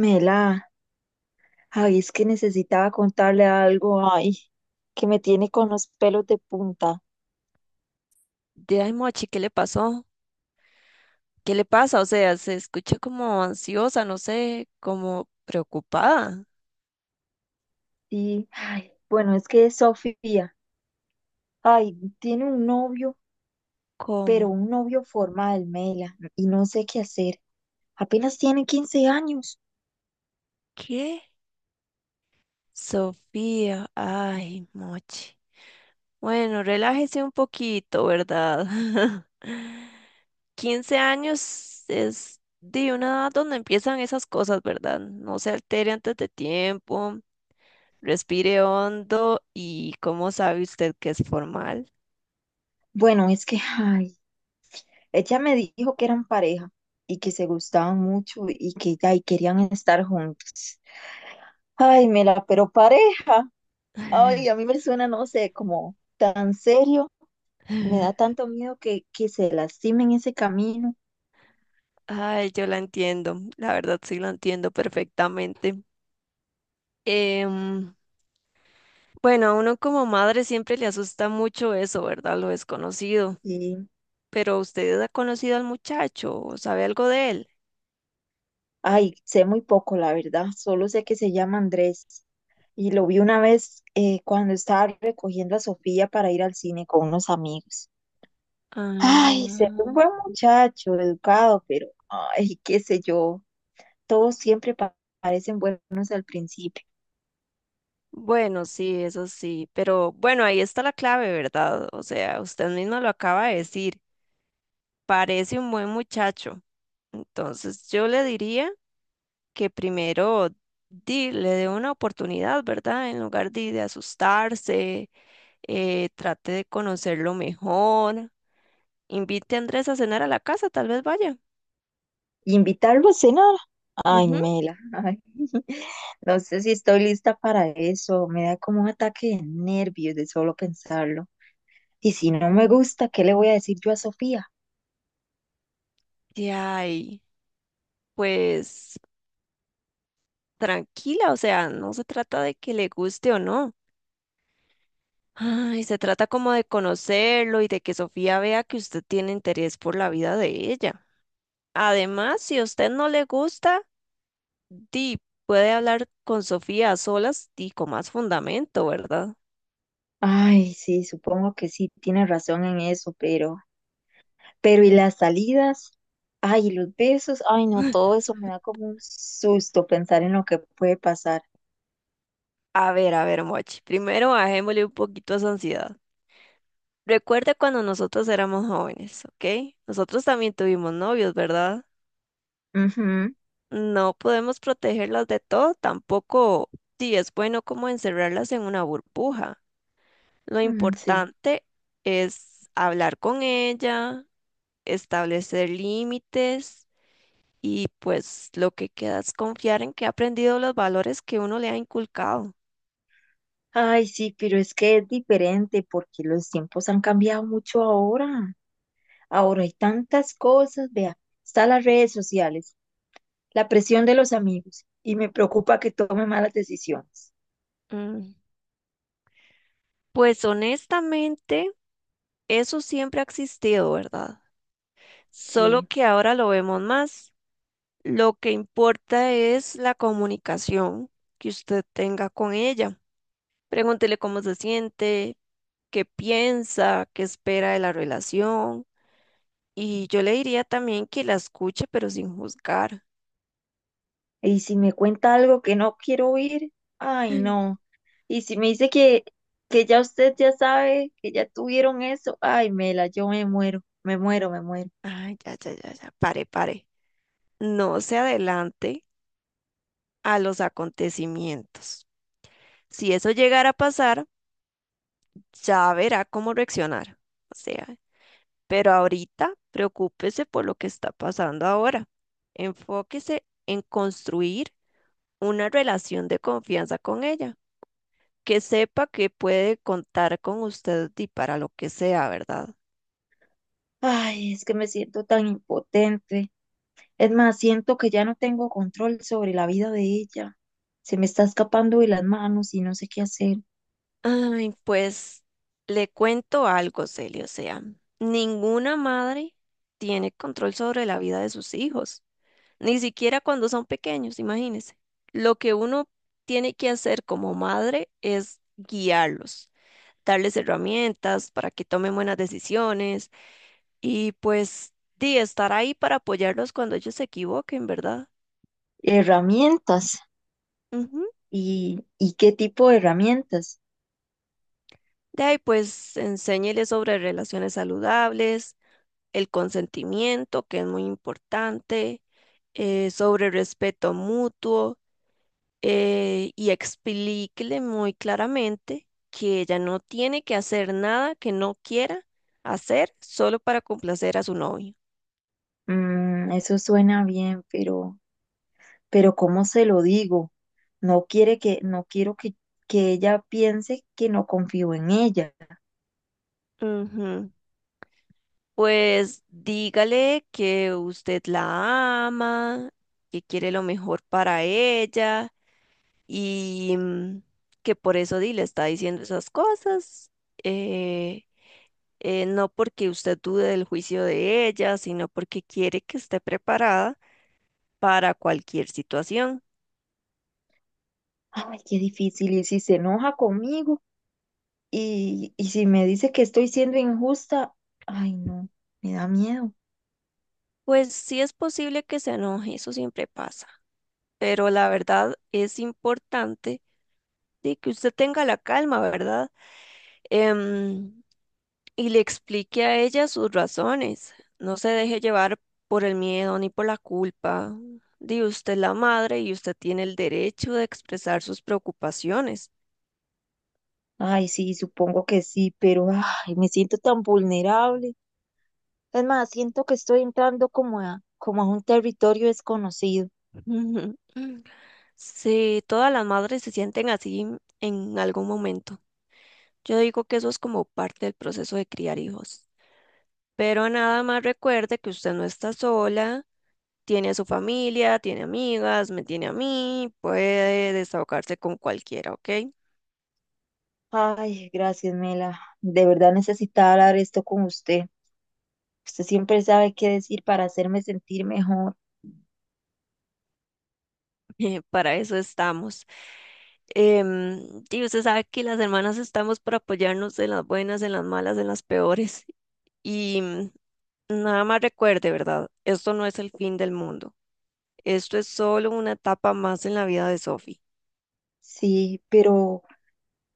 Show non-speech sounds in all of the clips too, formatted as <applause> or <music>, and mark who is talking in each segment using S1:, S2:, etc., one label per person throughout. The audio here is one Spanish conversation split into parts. S1: Mela, ay, es que necesitaba contarle algo, ay, que me tiene con los pelos de punta.
S2: De ay, Mochi, ¿qué le pasó? ¿Qué le pasa? O sea, se escucha como ansiosa, no sé, como preocupada.
S1: Sí, ay, bueno, es que Sofía, ay, tiene un novio, pero
S2: ¿Cómo?
S1: un novio formal, Mela, y no sé qué hacer. Apenas tiene 15 años.
S2: ¿Qué? Sofía, ay, Mochi. Bueno, relájese un poquito, ¿verdad? <laughs> 15 años es de una edad donde empiezan esas cosas, ¿verdad? No se altere antes de tiempo, respire hondo y ¿cómo sabe usted que es formal?
S1: Bueno, es que, ay, ella me dijo que eran pareja y que se gustaban mucho y que ya, y querían estar juntos. Ay, Mela, pero pareja, ay, a mí
S2: <laughs>
S1: me suena, no sé, como tan serio. Me da tanto miedo que se lastimen ese camino.
S2: Ay, yo la entiendo, la verdad sí la entiendo perfectamente. Em, bueno, a uno como madre siempre le asusta mucho eso, ¿verdad? Lo desconocido.
S1: Y,
S2: Pero ¿usted ha conocido al muchacho o sabe algo de él?
S1: ay, sé muy poco, la verdad. Solo sé que se llama Andrés. Y lo vi una vez cuando estaba recogiendo a Sofía para ir al cine con unos amigos. Ay, se
S2: Ah,
S1: ve un buen muchacho, educado, pero, ay, qué sé yo. Todos siempre parecen buenos al principio.
S2: bueno, sí, eso sí. Pero bueno, ahí está la clave, ¿verdad? O sea, usted mismo lo acaba de decir. Parece un buen muchacho. Entonces yo le diría que primero le dé una oportunidad, ¿verdad? En lugar de asustarse, trate de conocerlo mejor, invite a Andrés a cenar a la casa, tal vez vaya.
S1: Invitarlo a cenar. Ay,
S2: Ujú.
S1: Mela, ay, no sé si estoy lista para eso. Me da como un ataque de nervios de solo pensarlo. Y si no me
S2: Mm,
S1: gusta, ¿qué le voy a decir yo a Sofía?
S2: Y ay, pues tranquila, o sea, no se trata de que le guste o no. Ay, se trata como de conocerlo y de que Sofía vea que usted tiene interés por la vida de ella. Además, si a usted no le gusta, di, puede hablar con Sofía a solas y con más fundamento, ¿verdad?
S1: Ay, sí, supongo que sí, tiene razón en eso, pero y las salidas, ay, y los besos, ay, no, todo eso me da como un susto pensar en lo que puede pasar.
S2: A ver, Mochi, primero bajémosle un poquito a esa ansiedad. Recuerda cuando nosotros éramos jóvenes, ¿ok? Nosotros también tuvimos novios, ¿verdad?
S1: Ujú,
S2: No podemos protegerlas de todo, tampoco sí es bueno como encerrarlas en una burbuja. Lo
S1: mm, sí.
S2: importante es hablar con ella, establecer límites y pues lo que queda es confiar en que ha aprendido los valores que uno le ha inculcado.
S1: Ay, sí, pero es que es diferente porque los tiempos han cambiado mucho ahora. Ahora hay tantas cosas, vea, están las redes sociales, la presión de los amigos y me preocupa que tome malas decisiones.
S2: Mm, Pues honestamente, eso siempre ha existido, ¿verdad? Solo
S1: Sí.
S2: que ahora lo vemos más. Lo que importa es la comunicación que usted tenga con ella. Pregúntele cómo se siente, qué piensa, qué espera de la relación. Y yo le diría también que la escuche, pero sin juzgar.
S1: Y si me cuenta algo que no quiero oír, ay no.
S2: <gasps>
S1: Y si me dice que ya usted ya sabe, que ya tuvieron eso, ay Mela, yo me muero, me muero, me muero.
S2: Ay, ya, ya, ya, ya, pare, pare. No se adelante a los acontecimientos. Si eso llegara a pasar, ya verá cómo reaccionar. O sea, pero ahorita, preocúpese por lo que está pasando ahora. Enfóquese en construir una relación de confianza con ella, que sepa que puede contar con usted y para lo que sea, ¿verdad?
S1: Ay, es que me siento tan impotente. Es más, siento que ya no tengo control sobre la vida de ella. Se me está escapando de las manos y no sé qué hacer.
S2: Ay, pues le cuento algo, Celia, o sea, ninguna madre tiene control sobre la vida de sus hijos, ni siquiera cuando son pequeños, imagínese. Lo que uno tiene que hacer como madre es guiarlos, darles herramientas para que tomen buenas decisiones y pues di, estar ahí para apoyarlos cuando ellos se equivoquen, ¿verdad?
S1: Herramientas.
S2: Ujú.
S1: ¿Y qué tipo de herramientas?
S2: De ahí pues enséñeles sobre relaciones saludables, el consentimiento, que es muy importante, sobre respeto mutuo, y explíquele muy claramente que ella no tiene que hacer nada que no quiera hacer solo para complacer a su novio.
S1: Mm, eso suena bien, pero ¿cómo se lo digo? No quiero que ella piense que no confío en ella.
S2: Ujú. Pues dígale que usted la ama, que quiere lo mejor para ella y, que por eso di le está diciendo esas cosas. eh, no porque usted dude del juicio de ella, sino porque quiere que esté preparada para cualquier situación.
S1: Ay, qué difícil. Y si se enoja conmigo y si me dice que estoy siendo injusta, ay, no, me da miedo.
S2: Pues sí es posible que se enoje, eso siempre pasa, pero la verdad es importante de que usted tenga la calma, ¿verdad? Em, y le explique a ella sus razones. No se deje llevar por el miedo ni por la culpa. Di usted es la madre y usted tiene el derecho de expresar sus preocupaciones.
S1: Ay, sí, supongo que sí, pero ay, me siento tan vulnerable. Es más, siento que estoy entrando como a un territorio desconocido.
S2: <laughs> Sí, todas las madres se sienten así en algún momento. Yo digo que eso es como parte del proceso de criar hijos. Pero nada más recuerde que usted no está sola, tiene a su familia, tiene amigas, me tiene a mí, puede desahogarse con cualquiera, ¿ok?
S1: Ay, gracias, Mela. De verdad necesitaba hablar esto con usted. Usted siempre sabe qué decir para hacerme sentir mejor.
S2: <laughs> Para eso estamos. Y usted sabe que las hermanas estamos para apoyarnos en las buenas, en las malas, en las peores. Y nada más recuerde, ¿verdad? Esto no es el fin del mundo. Esto es solo una etapa más en la vida de Sophie.
S1: Sí, pero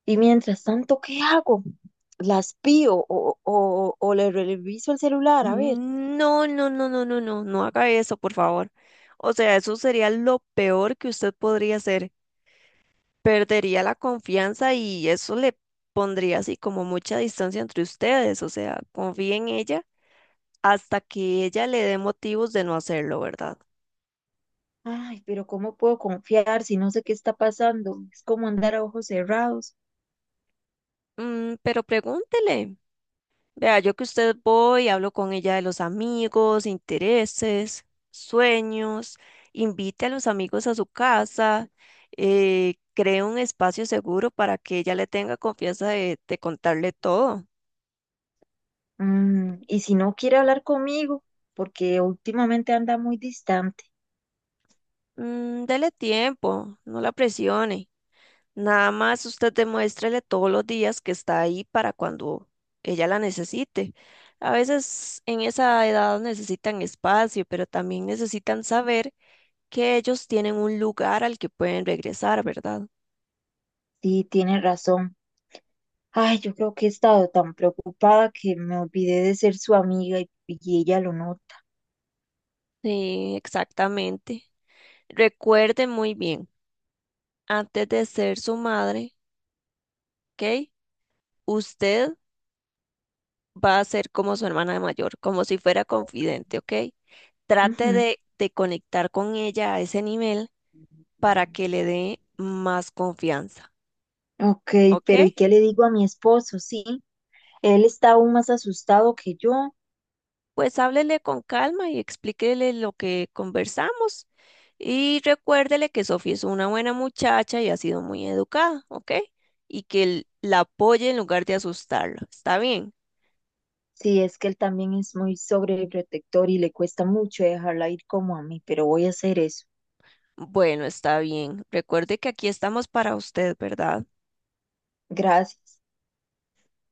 S1: ¿y mientras tanto qué hago? ¿Las pío o le reviso el celular? A ver.
S2: No, no, no, no, no, no, no haga eso, por favor. O sea, eso sería lo peor que usted podría hacer. Perdería la confianza y eso le pondría así como mucha distancia entre ustedes. O sea, confíe en ella hasta que ella le dé motivos de no hacerlo, ¿verdad?
S1: Ay, pero ¿cómo puedo confiar si no sé qué está pasando? Es como andar a ojos cerrados.
S2: Pero pregúntele. Vea, yo que usted voy, hablo con ella de los amigos, intereses, sueños, invite a los amigos a su casa, cree un espacio seguro para que ella le tenga confianza de contarle todo.
S1: Mm, y si no quiere hablar conmigo, porque últimamente anda muy distante.
S2: Dele tiempo, no la presione. Nada más usted demuéstrele todos los días que está ahí para cuando ella la necesite. A veces en esa edad necesitan espacio, pero también necesitan saber que ellos tienen un lugar al que pueden regresar, ¿verdad?
S1: Sí, tiene razón. Ay, yo creo que he estado tan preocupada que me olvidé de ser su amiga y ella lo nota.
S2: Sí, exactamente. Recuerde muy bien, antes de ser su madre, ¿ok? Usted va a ser como su hermana mayor, como si fuera confidente, ¿ok? Trate
S1: Ujú.
S2: de conectar con ella a ese nivel para que le dé más confianza,
S1: Ok,
S2: ¿ok?
S1: pero ¿y qué le digo a mi esposo? Sí, él está aún más asustado que yo.
S2: Pues háblele con calma y explíquele lo que conversamos y recuérdele que Sofía es una buena muchacha y ha sido muy educada, ¿ok? Y que la apoye en lugar de asustarla, ¿está bien?
S1: Sí, es que él también es muy sobreprotector y le cuesta mucho dejarla ir como a mí, pero voy a hacer eso.
S2: Bueno, está bien. Recuerde que aquí estamos para usted, ¿verdad?
S1: Gracias.